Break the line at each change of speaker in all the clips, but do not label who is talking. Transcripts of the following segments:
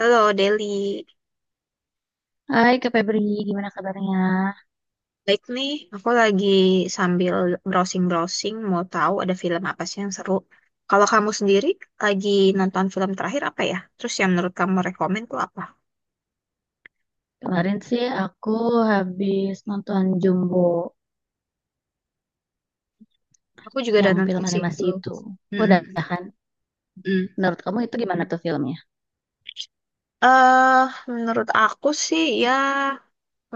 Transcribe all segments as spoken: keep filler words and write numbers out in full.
Halo Deli,
Hai Kak Febri, gimana kabarnya?
baik nih. Aku lagi sambil browsing-browsing mau tahu ada film apa sih yang seru. Kalau kamu sendiri lagi nonton film terakhir apa ya? Terus yang menurut kamu rekomen tuh apa?
Kemarin sih aku habis nonton Jumbo,
Aku juga udah
yang film
nonton sih
animasi
itu.
itu.
Mm-mm,
Udah kan?
mm.
Menurut kamu itu gimana tuh filmnya?
Eh, menurut aku sih ya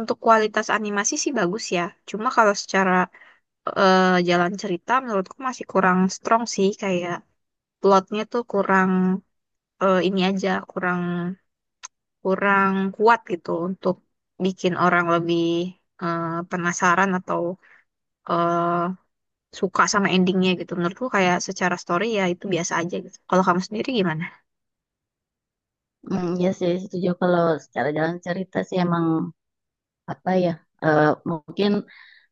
untuk kualitas animasi sih bagus ya. Cuma kalau secara eh, jalan cerita menurutku masih kurang strong sih, kayak plotnya tuh kurang, eh, ini aja kurang kurang kuat gitu untuk bikin orang lebih eh, penasaran atau eh, suka sama endingnya gitu. Menurutku kayak secara story ya itu biasa aja gitu. Kalau kamu sendiri gimana?
Hmm, ya sih, setuju kalau secara jalan cerita sih emang apa ya, eh, mungkin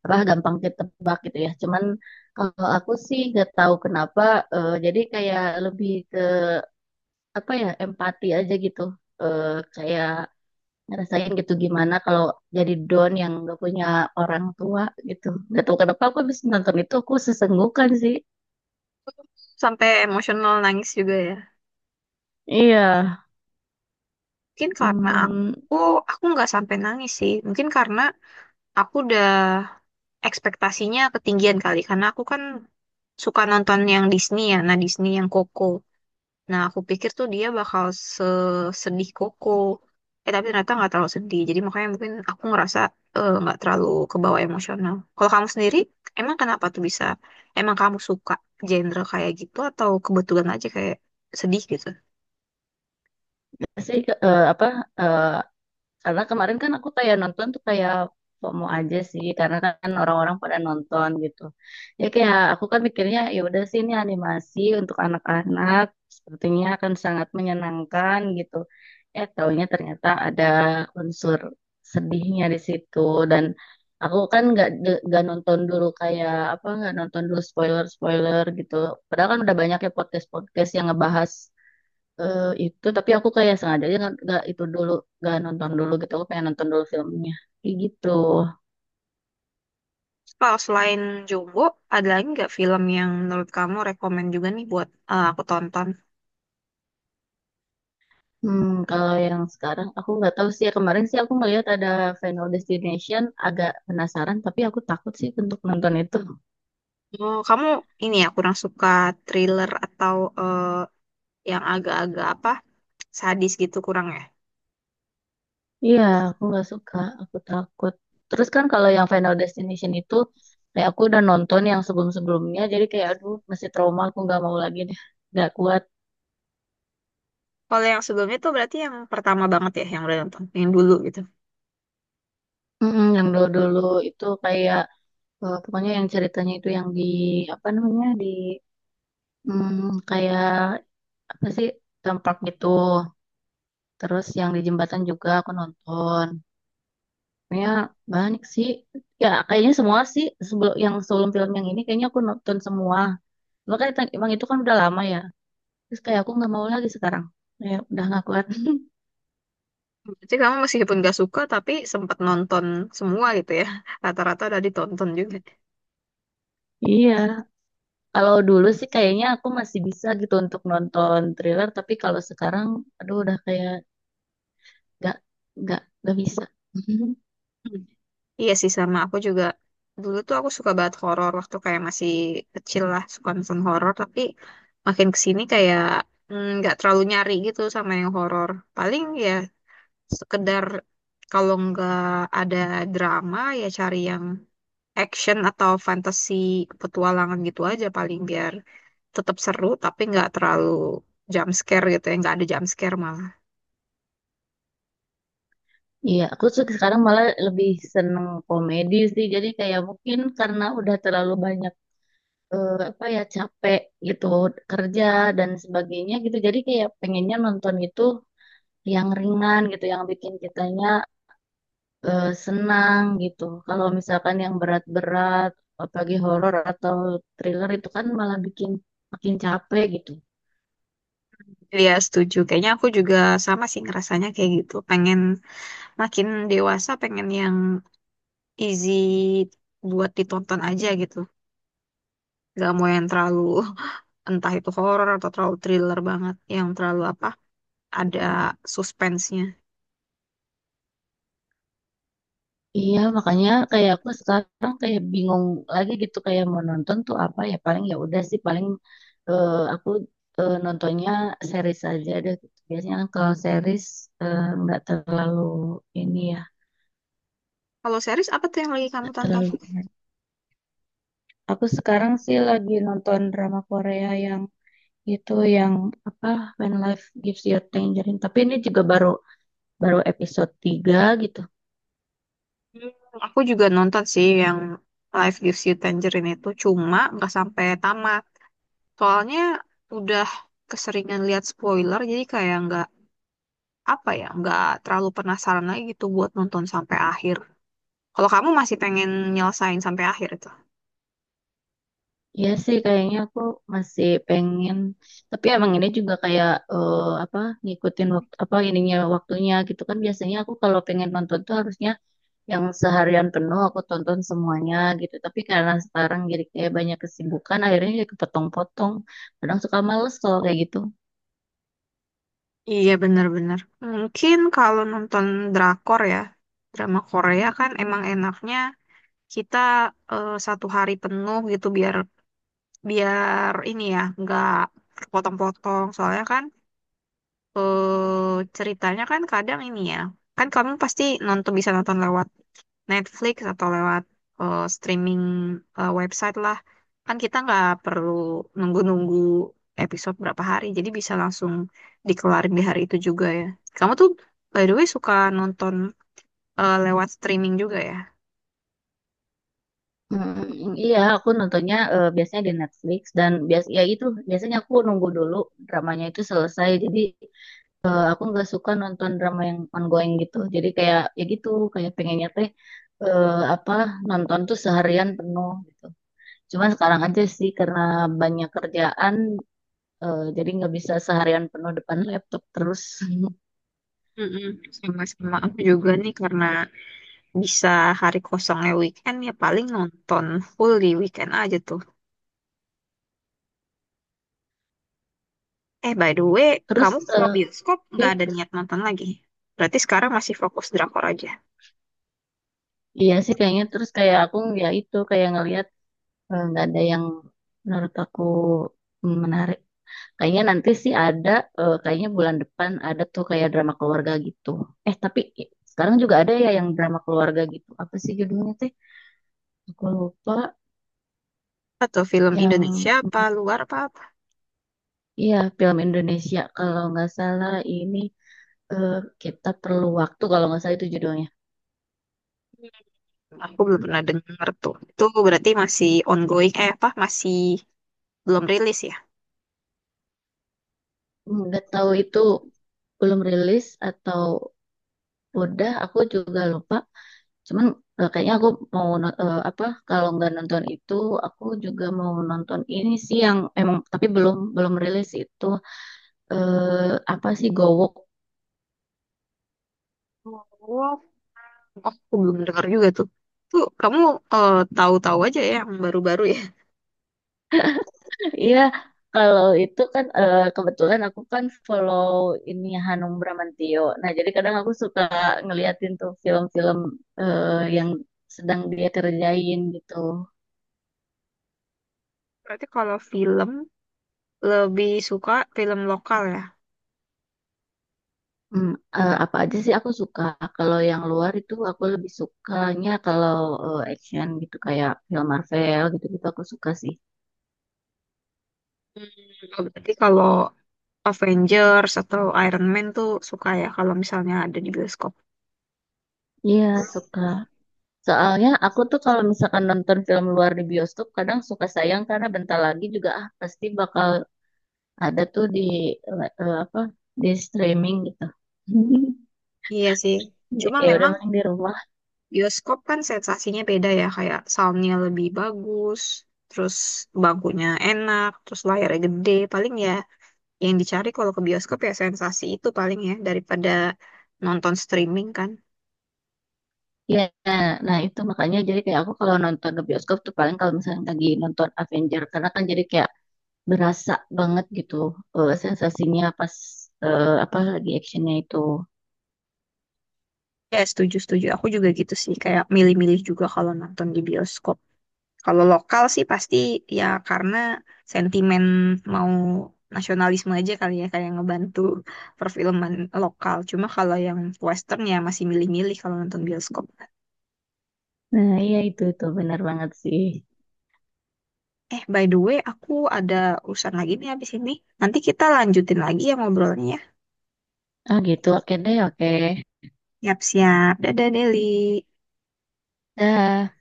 apa gampang ditebak gitu ya. Cuman kalau aku sih gak tahu kenapa, eh, jadi kayak lebih ke apa ya empati aja gitu. Eh, Kayak ngerasain gitu gimana kalau jadi Don yang nggak punya orang tua gitu. Gak tahu kenapa aku habis nonton itu aku sesenggukan sih.
Sampai emosional nangis juga ya?
Iya,
Mungkin karena
hmm,
aku aku nggak sampai nangis sih. Mungkin karena aku udah ekspektasinya ketinggian kali. Karena aku kan suka nonton yang Disney ya. Nah, Disney yang Coco. Nah, aku pikir tuh dia bakal sedih Koko. Eh, tapi ternyata nggak terlalu sedih. Jadi makanya mungkin aku ngerasa eh, nggak terlalu kebawa emosional. Kalau kamu sendiri, emang kenapa tuh bisa? Emang kamu suka genre kayak gitu atau kebetulan aja kayak sedih gitu?
sih ke- eh, apa eh, karena kemarin kan aku kayak nonton tuh kayak FOMO aja sih, karena kan orang-orang pada nonton gitu. Ya kayak aku kan mikirnya ya udah sih ini animasi untuk anak-anak, sepertinya akan sangat menyenangkan gitu. Eh taunya ternyata ada unsur sedihnya di situ dan aku kan nggak de- nggak nonton dulu kayak apa nggak nonton dulu spoiler-spoiler gitu. Padahal kan udah banyak ya podcast-podcast yang ngebahas eh, itu, tapi aku kayak sengaja aja nggak nggak itu dulu, nggak nonton dulu gitu, aku pengen nonton dulu filmnya kayak gitu.
Kalau selain Jumbo, ada lagi nggak film yang menurut kamu rekomen juga nih buat eh, aku tonton?
Hmm, kalau yang sekarang aku nggak tahu sih ya. Kemarin sih aku melihat ada Final Destination, agak penasaran tapi aku takut sih untuk nonton itu.
Oh, kamu ini ya kurang suka thriller atau eh, yang agak-agak apa sadis gitu kurang ya?
Iya, aku nggak suka, aku takut. Terus kan kalau yang Final Destination itu kayak aku udah nonton yang sebelum-sebelumnya, jadi kayak aduh masih trauma, aku nggak mau lagi deh, nggak kuat.
Kalau yang sebelumnya tuh berarti yang pertama banget ya yang udah nonton, yang dulu gitu.
Mm-mm, yang dulu-dulu itu kayak, Eh, pokoknya yang ceritanya itu yang di apa namanya di, mm, kayak apa sih, tempat gitu. Terus yang di jembatan juga aku nonton. Pokoknya banyak sih. Ya kayaknya semua sih sebelum yang sebelum film yang ini kayaknya aku nonton semua. Makanya tadi- emang itu kan udah lama ya. Terus kayak aku nggak mau lagi sekarang. Kayak udah nggak kuat.
Berarti kamu meskipun gak suka tapi sempat nonton semua gitu ya. Rata-rata udah ditonton juga.
Iya, kalau dulu sih kayaknya aku masih bisa gitu untuk nonton thriller, tapi kalau sekarang, aduh udah kayak nggak, nggak nggak bisa.
Hmm. Iya sih, sama aku juga. Dulu tuh aku suka banget horor waktu kayak masih kecil lah, suka nonton horor, tapi makin kesini kayak mm, nggak terlalu nyari gitu sama yang horor. Paling ya sekedar kalau nggak ada drama ya cari yang action atau fantasi petualangan gitu aja paling biar tetap seru tapi nggak terlalu jump scare gitu ya, nggak ada jump scare malah.
Iya, aku se- sekarang malah lebih seneng komedi sih. Jadi kayak mungkin karena udah terlalu banyak, eh, apa ya capek gitu, kerja dan sebagainya gitu. Jadi kayak pengennya nonton itu yang ringan gitu, yang bikin kitanya eh, senang gitu. Kalau misalkan yang berat-berat, apalagi horor atau thriller itu kan malah bikin makin capek gitu.
Iya setuju, kayaknya aku juga sama sih ngerasanya kayak gitu, pengen makin dewasa pengen yang easy buat ditonton aja gitu. Gak mau yang terlalu entah itu horror atau terlalu thriller banget, yang terlalu apa, ada suspense-nya.
Iya, makanya kayak aku sekarang kayak bingung lagi gitu kayak mau nonton tuh apa ya, paling ya udah sih paling, eh, aku eh, nontonnya series aja deh. Gitu. Biasanya kan kalau series eh, nggak terlalu ini ya,
Kalau series apa tuh yang lagi kamu
nggak
tonton?
terlalu. Aku sekarang sih lagi nonton drama Korea yang itu yang apa, When Life Gives You Tangerine. Tapi ini juga baru, baru episode tiga gitu.
Aku juga nonton sih yang Life Gives You Tangerine itu, cuma nggak sampai tamat. Soalnya udah keseringan lihat spoiler, jadi kayak nggak apa ya, nggak terlalu penasaran lagi gitu buat nonton sampai akhir. Kalau kamu masih pengen nyelesain sampai akhir itu.
Iya sih kayaknya aku masih pengen, tapi emang ini juga kayak eh, apa ngikutin waktu apa ininya waktunya gitu kan. Biasanya aku kalau pengen nonton tuh harusnya yang seharian penuh aku tonton semuanya gitu, tapi karena sekarang jadi kayak banyak kesibukan akhirnya jadi kepotong-potong, kadang suka males kalau kayak gitu.
Iya bener-bener. Mungkin kalau nonton drakor ya, drama Korea kan emang enaknya kita eh, satu hari penuh gitu biar biar ini ya, nggak potong-potong. Soalnya kan eh ceritanya kan kadang ini ya, kan kamu pasti nonton bisa nonton lewat Netflix atau lewat eh, streaming, eh, website lah. Kan kita nggak perlu nunggu-nunggu episode berapa hari, jadi bisa langsung dikelarin di hari itu juga ya. Kamu tuh by the way suka nonton eh, lewat streaming juga ya?
Hmm, iya, aku nontonnya eh, biasanya di Netflix dan bias ya itu biasanya aku nunggu dulu dramanya itu selesai. Jadi aku nggak suka nonton drama yang ongoing gitu, jadi kayak ya gitu, kayak pengennya teh eh, apa nonton tuh seharian penuh gitu, cuman sekarang aja sih karena banyak kerjaan, eh, jadi nggak bisa seharian penuh depan laptop terus.
Mm-mm. Sama, sama aku juga nih karena bisa hari kosongnya weekend ya paling nonton full di weekend aja tuh. Eh, by the way,
Terus
kamu kalau
eh,
bioskop
ya,
nggak ada niat nonton lagi. Berarti sekarang masih fokus drakor aja.
iya sih kayaknya, terus kayak aku ya itu kayak ngelihat, eh, nggak ada yang menurut aku menarik. Kayaknya nanti sih ada, eh, kayaknya bulan depan ada tuh kayak drama keluarga gitu. Eh, tapi sekarang juga ada ya yang drama keluarga gitu. Apa sih judulnya teh? Aku lupa.
Atau film
Yang,
Indonesia apa
mm,
luar apa apa?
iya film Indonesia kalau nggak salah ini, eh, Kita Perlu Waktu kalau nggak salah itu judulnya.
Aku belum pernah denger tuh. Itu berarti masih ongoing, eh apa, masih belum rilis ya?
Nggak tahu itu belum rilis atau udah, aku juga lupa. Cuman eh, kayaknya aku mau no- eh, apa kalau nggak nonton itu aku juga mau nonton ini sih yang emang tapi belum belum rilis itu, eh apa sih, Gowok.
Oh, aku belum dengar juga tuh. Tuh, kamu eh, tahu-tahu aja ya yang baru-baru ya.
Iya, kalau itu kan eh, kebetulan aku kan follow ini Hanung Bramantyo. Nah, jadi kadang aku suka ngeliatin tuh film-film eh, yang sedang dia kerjain gitu.
Berarti kalau film lebih suka film lokal ya.
Hmm, eh, apa aja sih aku suka. Kalau yang luar itu aku lebih sukanya kalau eh, action gitu, kayak film Marvel gitu-gitu aku suka sih.
Hmm, berarti kalau Avengers atau Iron Man tuh suka ya kalau misalnya ada di bioskop.
Iya, suka. Soalnya aku tuh kalau misalkan nonton film luar di bioskop kadang suka sayang karena bentar lagi juga ah pasti bakal ada tuh di, eh, eh, apa di streaming gitu.
Iya sih,
Ya
cuma
ya udah
memang
main di rumah.
bioskop kan sensasinya beda ya, kayak soundnya lebih bagus, terus bangkunya enak, terus layarnya gede, paling ya yang dicari kalau ke bioskop ya sensasi itu paling ya, daripada nonton streaming kan.
Ya. Nah itu makanya jadi kayak aku kalau nonton ke bioskop tuh paling kalau misalnya lagi nonton Avenger, karena kan jadi kayak berasa banget gitu, eh, sensasinya, pas eh, apa lagi actionnya itu.
Ya setuju-setuju, aku juga gitu sih, kayak milih-milih juga kalau nonton di bioskop. Kalau lokal sih pasti ya karena sentimen mau nasionalisme aja kali ya kayak ngebantu perfilman lokal. Cuma kalau yang western ya masih milih-milih kalau nonton bioskop.
Nah, iya itu tuh benar banget sih.
Eh, by the way, aku ada urusan lagi nih habis ini. Nanti kita lanjutin lagi ya ngobrolnya. Ya.
Ah gitu, oke deh, oke.
Siap-siap. Dadah, Deli.
Dah.